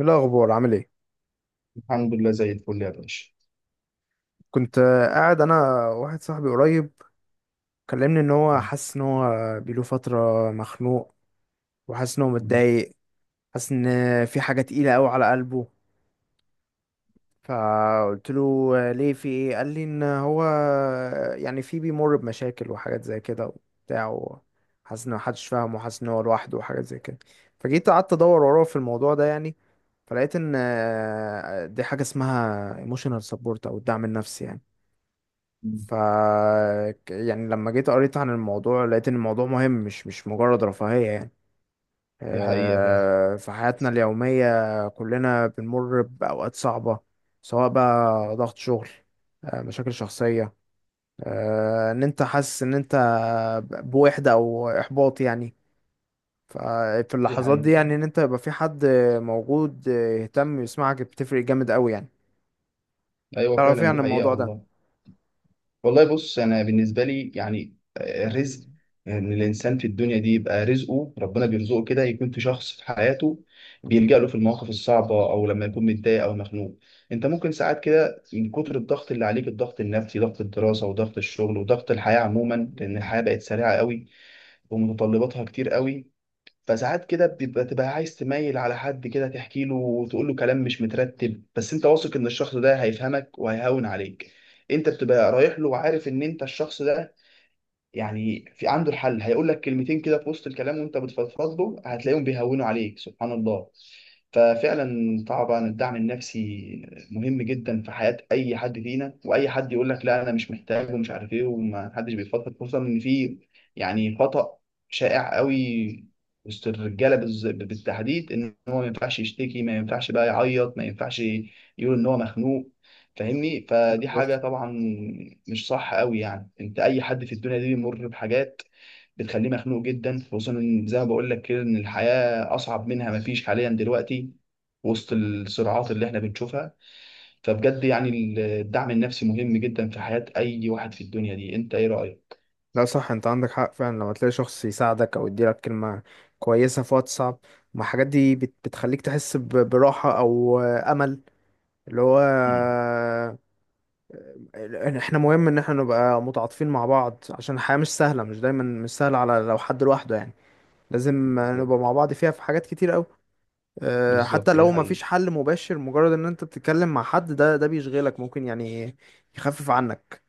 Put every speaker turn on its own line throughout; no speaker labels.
ايه الاخبار؟ عامل ايه؟
الحمد لله، زي الفل يا باشا.
كنت قاعد انا واحد صاحبي قريب كلمني ان هو حاسس ان هو بيله فتره مخنوق، وحاسس ان هو متضايق. حاسس ان في حاجه تقيله قوي على قلبه. فقلت له ليه؟ في ايه؟ قال لي ان هو يعني في، بيمر بمشاكل وحاجات زي كده وبتاع. حاسس ان محدش فاهمه وحاسس ان هو لوحده وحاجات زي كده. فجيت قعدت ادور وراه في الموضوع ده يعني. فلقيت ان دي حاجه اسمها emotional support او الدعم النفسي يعني. ف يعني لما جيت قريت عن الموضوع لقيت ان الموضوع مهم، مش مش مجرد رفاهية يعني.
دي حقيقة فعلا.
في حياتنا اليومية كلنا بنمر بأوقات صعبة، سواء بقى ضغط شغل، مشاكل شخصية، ان انت حاسس ان انت بوحدة او احباط يعني. ففي
دي
اللحظات دي
حقيقة.
يعني ان انت يبقى في حد موجود يهتم يسمعك، بتفرق جامد قوي يعني.
أيوة
تعرف ايه
فعلا،
عن
دي حقيقة
الموضوع ده؟
والله. والله بص، أنا بالنسبة لي يعني
مم.
رزق. إن الإنسان في الدنيا دي يبقى رزقه ربنا بيرزقه كده، يكون في شخص في حياته بيلجأ له في المواقف الصعبة أو لما يكون متضايق أو مخنوق. أنت ممكن ساعات كده من كتر الضغط اللي عليك، الضغط النفسي، ضغط الدراسة وضغط الشغل وضغط الحياة عموما، لأن الحياة بقت سريعة قوي ومتطلباتها كتير قوي. فساعات كده تبقى عايز تميل على حد كده، تحكي له وتقول له كلام مش مترتب، بس انت واثق ان الشخص ده هيفهمك وهيهون عليك. انت بتبقى رايح له وعارف ان انت الشخص ده يعني في عنده الحل، هيقول لك كلمتين كده في وسط الكلام وانت بتفضفض له هتلاقيهم بيهونوا عليك سبحان الله. ففعلا طبعا الدعم النفسي مهم جدا في حياة اي حد فينا، واي حد يقول لك لا انا مش محتاج ومش عارف ايه وما حدش بيفضفض، خصوصا ان في يعني خطأ شائع قوي وسط الرجاله بالتحديد، ان هو ما ينفعش يشتكي، ما ينفعش بقى يعيط، ما ينفعش يقول ان هو مخنوق. فاهمني؟ فدي حاجة
بالظبط.
طبعا مش صح قوي. يعني انت اي حد في الدنيا دي بيمر بحاجات بتخليه مخنوق جدا، خصوصا إن زي ما بقول لك كده ان الحياة اصعب منها ما فيش حاليا دلوقتي وسط الصراعات اللي احنا بنشوفها. فبجد يعني الدعم النفسي مهم جدا في حياة اي واحد في الدنيا دي. انت ايه رأيك؟
لا، صح، انت عندك حق فعلا. لما تلاقي شخص يساعدك او يديلك كلمة كويسة في وقت صعب، ما الحاجات دي بتخليك تحس براحة او امل. اللي هو
مم.
ان احنا مهم ان احنا نبقى متعاطفين مع بعض، عشان الحياة مش سهلة، مش دايما مش سهلة على لو حد لوحده يعني. لازم
بالظبط.
نبقى مع بعض، فيها في حاجات كتير قوي. اه، حتى
بالظبط، دي
لو ما فيش
حقيقة.
حل مباشر، مجرد ان انت بتتكلم مع حد، ده بيشغلك ممكن يعني، يخفف عنك.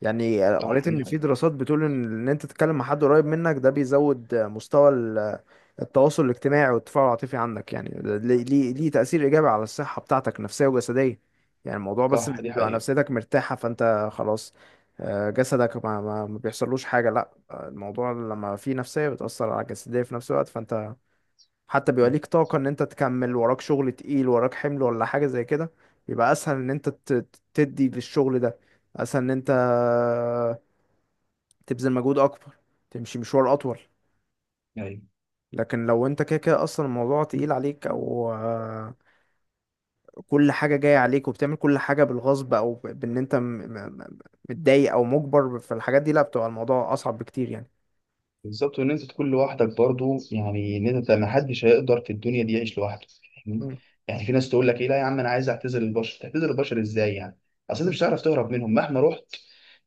يعني
صح
قريت
دي
ان في
حقيقة.
دراسات بتقول ان انت تتكلم مع حد قريب منك، ده بيزود مستوى التواصل الاجتماعي والتفاعل العاطفي عندك يعني. ده ليه تأثير ايجابي على الصحة بتاعتك، نفسية وجسدية. يعني الموضوع بس مش
صح دي
بيبقى
حقيقة.
نفسيتك مرتاحة فانت خلاص، جسدك ما بيحصلوش حاجة، لا الموضوع لما في نفسية بتأثر على الجسدية في نفس الوقت. فانت حتى بيبقى
مم.
ليك طاقة ان انت تكمل، وراك شغل تقيل، وراك حمل ولا حاجة زي كده، بيبقى اسهل ان انت تدي للشغل ده. اسهل ان انت تبذل مجهود اكبر، تمشي مشوار اطول.
ايوه.
لكن لو انت كده كده اصلا الموضوع تقيل عليك، او كل حاجة جاية عليك وبتعمل كل حاجة بالغصب، او بان انت متضايق او مجبر في الحاجات دي، لا، بتبقى الموضوع اصعب بكتير يعني.
بالظبط. وان انت تكون لوحدك برضو، يعني ان انت ما حدش هيقدر في الدنيا دي يعيش لوحده. فاهمني؟
مم.
يعني في ناس تقول لك ايه لا يا عم انا عايز اعتزل البشر. تعتزل البشر ازاي يعني؟ اصل انت مش هتعرف تهرب منهم مهما رحت،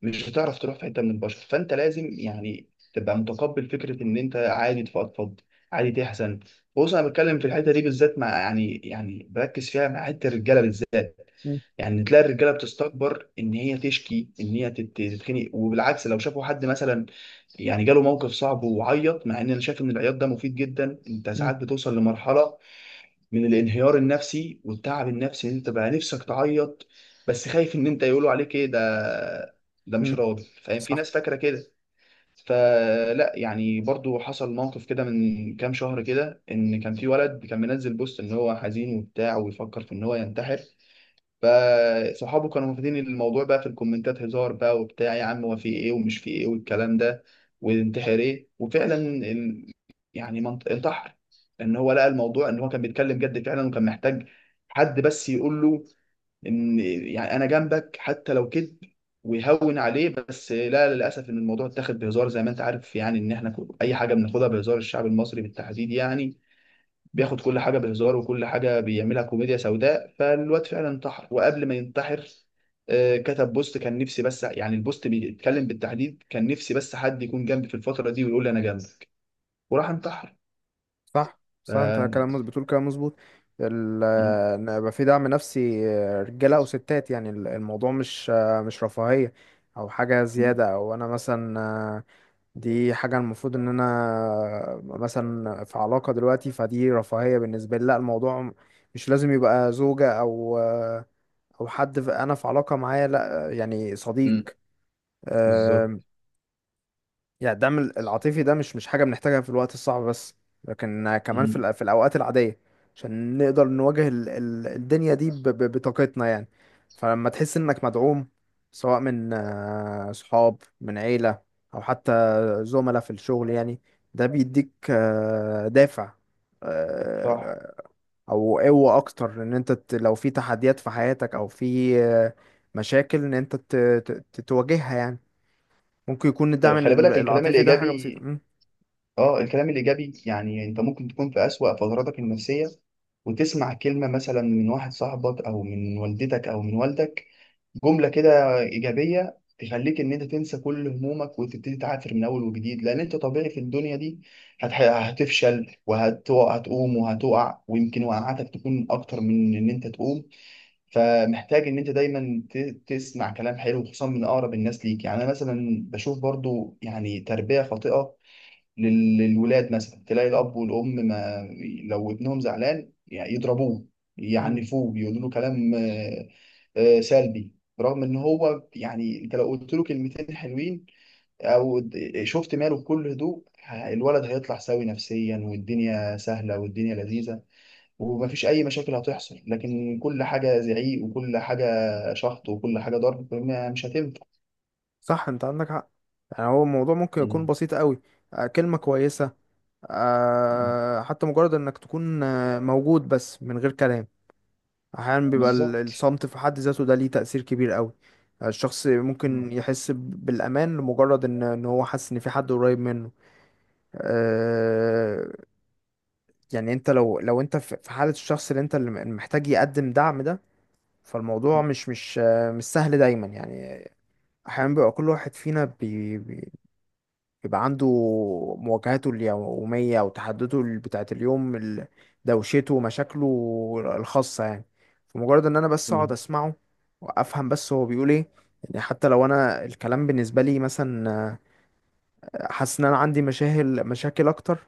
مش هتعرف تروح في حته من البشر، فانت لازم يعني تبقى متقبل فكره ان انت عادي تفضفض، عادي تحزن. بص انا بتكلم في الحته دي بالذات مع يعني بركز فيها مع حته الرجاله بالذات.
مم.
يعني تلاقي الرجاله بتستكبر ان هي تشكي، ان هي تتخنق. وبالعكس لو شافوا حد مثلا يعني جاله موقف صعب وعيط، مع ان انا شايف ان العياط ده مفيد جدا. انت
مم.
ساعات بتوصل لمرحله من الانهيار النفسي والتعب النفسي ان انت بقى نفسك تعيط، بس خايف ان انت يقولوا عليك ايه ده، ده مش
مم.
راضي فاهم، في
صح،
ناس فاكره كده. فلا يعني برضو حصل موقف كده من كام شهر كده، ان كان في ولد كان منزل بوست ان هو حزين وبتاع ويفكر في ان هو ينتحر. فصحابه كانوا واخدين الموضوع بقى في الكومنتات هزار بقى وبتاع، يا عم هو في ايه ومش في ايه والكلام ده، وانتحر ايه. وفعلا يعني انتحر. ان هو لقى الموضوع ان هو كان بيتكلم جد فعلا وكان محتاج حد بس يقول له ان يعني انا جنبك حتى لو كذب ويهون عليه. بس لا للاسف ان الموضوع اتاخد بهزار زي ما انت عارف. يعني ان احنا اي حاجه بناخدها بهزار، الشعب المصري بالتحديد يعني بياخد كل حاجه بهزار وكل حاجه بيعملها كوميديا سوداء. فالواد فعلا انتحر. وقبل ما ينتحر كتب بوست كان نفسي، بس يعني البوست بيتكلم بالتحديد كان نفسي بس حد يكون جنبي في الفتره دي ويقول لي انا جنبك. وراح انتحر.
صح،
ف...
صح، انت
م-
كلام مظبوط بتقول، كلام مظبوط. ال- ان يبقى في دعم نفسي، رجاله او ستات يعني، الموضوع مش رفاهيه او حاجه
م-
زياده. او انا مثلا دي حاجه المفروض ان انا مثلا في علاقه دلوقتي فدي رفاهيه بالنسبه لي، لا، الموضوع مش لازم يبقى زوجه او او حد انا في علاقه معاه، لا يعني صديق.
م- بالظبط.
آه، يعني الدعم العاطفي ده مش حاجة بنحتاجها في الوقت الصعب بس، لكن كمان في
م-
في الأوقات العادية، عشان نقدر نواجه الدنيا دي بطاقتنا يعني. فلما تحس إنك مدعوم، سواء من صحاب، من عيلة، أو حتى زملاء في الشغل يعني، ده بيديك دافع،
صح.
آه، او قوة اكتر ان انت لو في تحديات في حياتك او في مشاكل ان انت تواجهها يعني. ممكن يكون الدعم
أيوة، خلي بالك الكلام
العاطفي ده حاجة
الايجابي.
بسيطة. مم.
اه، الكلام الايجابي يعني انت ممكن تكون في اسوأ فتراتك النفسيه وتسمع كلمه مثلا من واحد صاحبك او من والدتك او من والدك، جملة كده إيجابية تخليك إن أنت تنسى كل همومك وتبتدي تعافر من أول وجديد. لأن أنت طبيعي في الدنيا دي هتفشل وهتقوم وهتقع، ويمكن وقعاتك تكون أكتر من إن أنت تقوم. فمحتاج إن أنت دايما تسمع كلام حلو خصوصا من أقرب الناس ليك. يعني أنا مثلا بشوف برضو يعني تربية خاطئة للولاد. مثلا تلاقي الأب والأم، ما لو ابنهم زعلان يعني يضربوه،
مم.
يعنفوه، يقولوا له كلام سلبي، رغم ان هو يعني انت لو قلت له كلمتين حلوين او شفت ماله بكل هدوء، الولد هيطلع سوي نفسيا، والدنيا سهله والدنيا لذيذه ومفيش اي مشاكل هتحصل. لكن كل حاجه زعيق، وكل حاجه شخط، وكل حاجه ضرب مش هتنفع.
صح، انت عندك حق. يعني هو الموضوع ممكن يكون
مم.
بسيط قوي. كلمة كويسة،
مم.
حتى مجرد انك تكون موجود بس من غير كلام. احيانا بيبقى
بالظبط.
الصمت في حد ذاته ده ليه تأثير كبير قوي. الشخص
مم.
ممكن يحس بالأمان، لمجرد ان هو حاسس ان في حد قريب منه. آه، يعني انت، لو انت في حالة الشخص اللي محتاج يقدم دعم ده، فالموضوع مش سهل دايما يعني. أحيانا بيبقى كل واحد فينا بيبقى عنده مواجهاته اليومية، وتحدده بتاعة اليوم، دوشته ومشاكله الخاصة يعني. فمجرد إن أنا بس أقعد
مم.
أسمعه، وأفهم بس هو بيقول إيه. يعني حتى لو أنا الكلام بالنسبة لي مثلا حاسس إن أنا عندي مشاكل، مشاكل أكتر،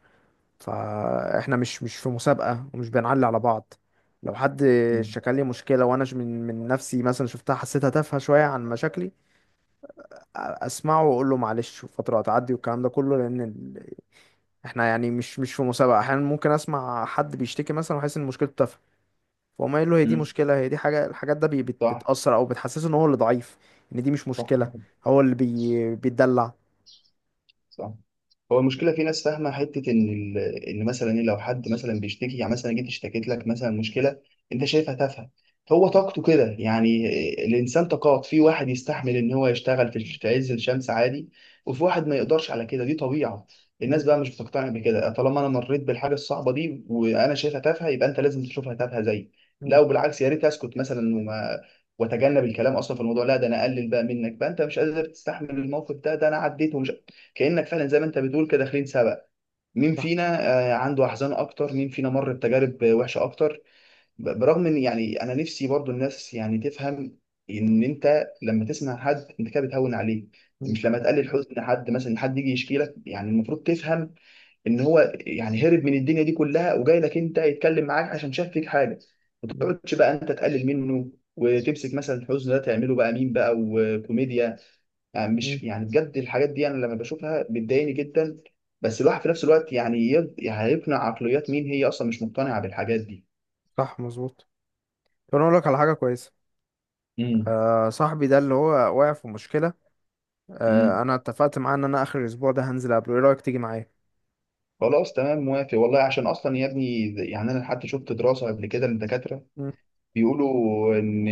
فإحنا مش في مسابقة، ومش بنعلي على بعض. لو حد شكل لي مشكلة، وأنا من نفسي مثلا شفتها، حسيتها تافهة شوية عن مشاكلي، اسمعه واقول له معلش فتره هتعدي والكلام ده كله. لان احنا يعني مش في مسابقه. احيانا ممكن اسمع حد بيشتكي مثلا وحاسس ان مشكلته تافهه، فاقوم قايل له هي دي
مم.
مشكله؟ هي دي حاجه؟ الحاجات ده
صح.
بتاثر او بتحسسه ان هو اللي ضعيف، ان دي مش
صح.
مشكله، هو اللي بيتدلع.
صح. هو المشكله في ناس فاهمه حته ان ال... ان مثلا إيه، لو حد مثلا بيشتكي يعني مثلا جيت اشتكيت لك مثلا مشكله انت شايفها تافهه، هو طاقته كده يعني. الانسان طاقات، في واحد يستحمل ان هو يشتغل في عز الشمس عادي، وفي واحد ما يقدرش على كده. دي طبيعه.
مم.
الناس بقى مش بتقتنع بكده، طالما انا مريت بالحاجه الصعبه دي وانا شايفها تافهه يبقى انت لازم تشوفها تافهه زيي.
مم.
لا وبالعكس، يا ريت اسكت مثلا وما واتجنب الكلام اصلا في الموضوع. لا ده انا اقلل بقى منك بقى، انت مش قادر تستحمل الموقف ده، ده انا عديته. كأنك فعلا زي ما انت بتقول كده داخلين سباق، مين
صح.
فينا عنده احزان اكتر، مين فينا مر بتجارب وحشه اكتر. برغم ان يعني انا نفسي برضو الناس يعني تفهم ان انت لما تسمع حد انت كده بتهون عليه،
مم.
مش لما تقلل حزن حد مثلا. حد يجي يشكي لك يعني المفروض تفهم ان هو يعني هرب من الدنيا دي كلها وجاي لك انت يتكلم معاك عشان شاف فيك حاجه. ما
مم.
تقعدش بقى انت تقلل منه وتمسك مثلا الحزن ده تعمله بقى مين بقى وكوميديا. يعني
مم.
مش يعني بجد الحاجات دي انا لما بشوفها بتضايقني جدا. بس الواحد في نفس الوقت يعني يعني هيقنع عقليات مين هي اصلا مش مقتنعه بالحاجات دي.
صح مظبوط. طب انا اقول لك على حاجه كويسه.
امم.
صاحبي ده اللي هو واقع في مشكله،
امم.
انا اتفقت معاه ان انا اخر الاسبوع ده هنزل قبله، ايه رايك تيجي معايا؟
خلاص تمام، موافق والله. عشان اصلا يا ابني يعني انا حتى شفت دراسه قبل كده للدكاتره
مم.
بيقولوا ان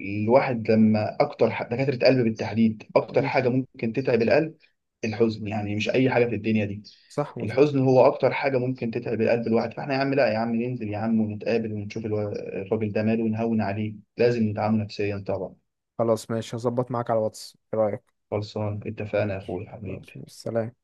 الواحد لما اكتر دكاتره قلب بالتحديد اكتر
مم.
حاجه ممكن تتعب القلب الحزن، يعني مش اي حاجه في الدنيا دي.
صح مظبوط.
الحزن هو اكتر حاجه ممكن تتعب القلب الواحد. فاحنا يا عم لا، يا عم ننزل يا عم ونتقابل ونشوف الراجل ده ماله ونهون عليه. لازم ندعمه نفسيا طبعا.
خلاص ماشي، هظبط معاك على واتس، ايه رأيك؟
خلصان اتفقنا يا
ماشي
اخوي حبيبي.
خلاص، ماشي. سلام.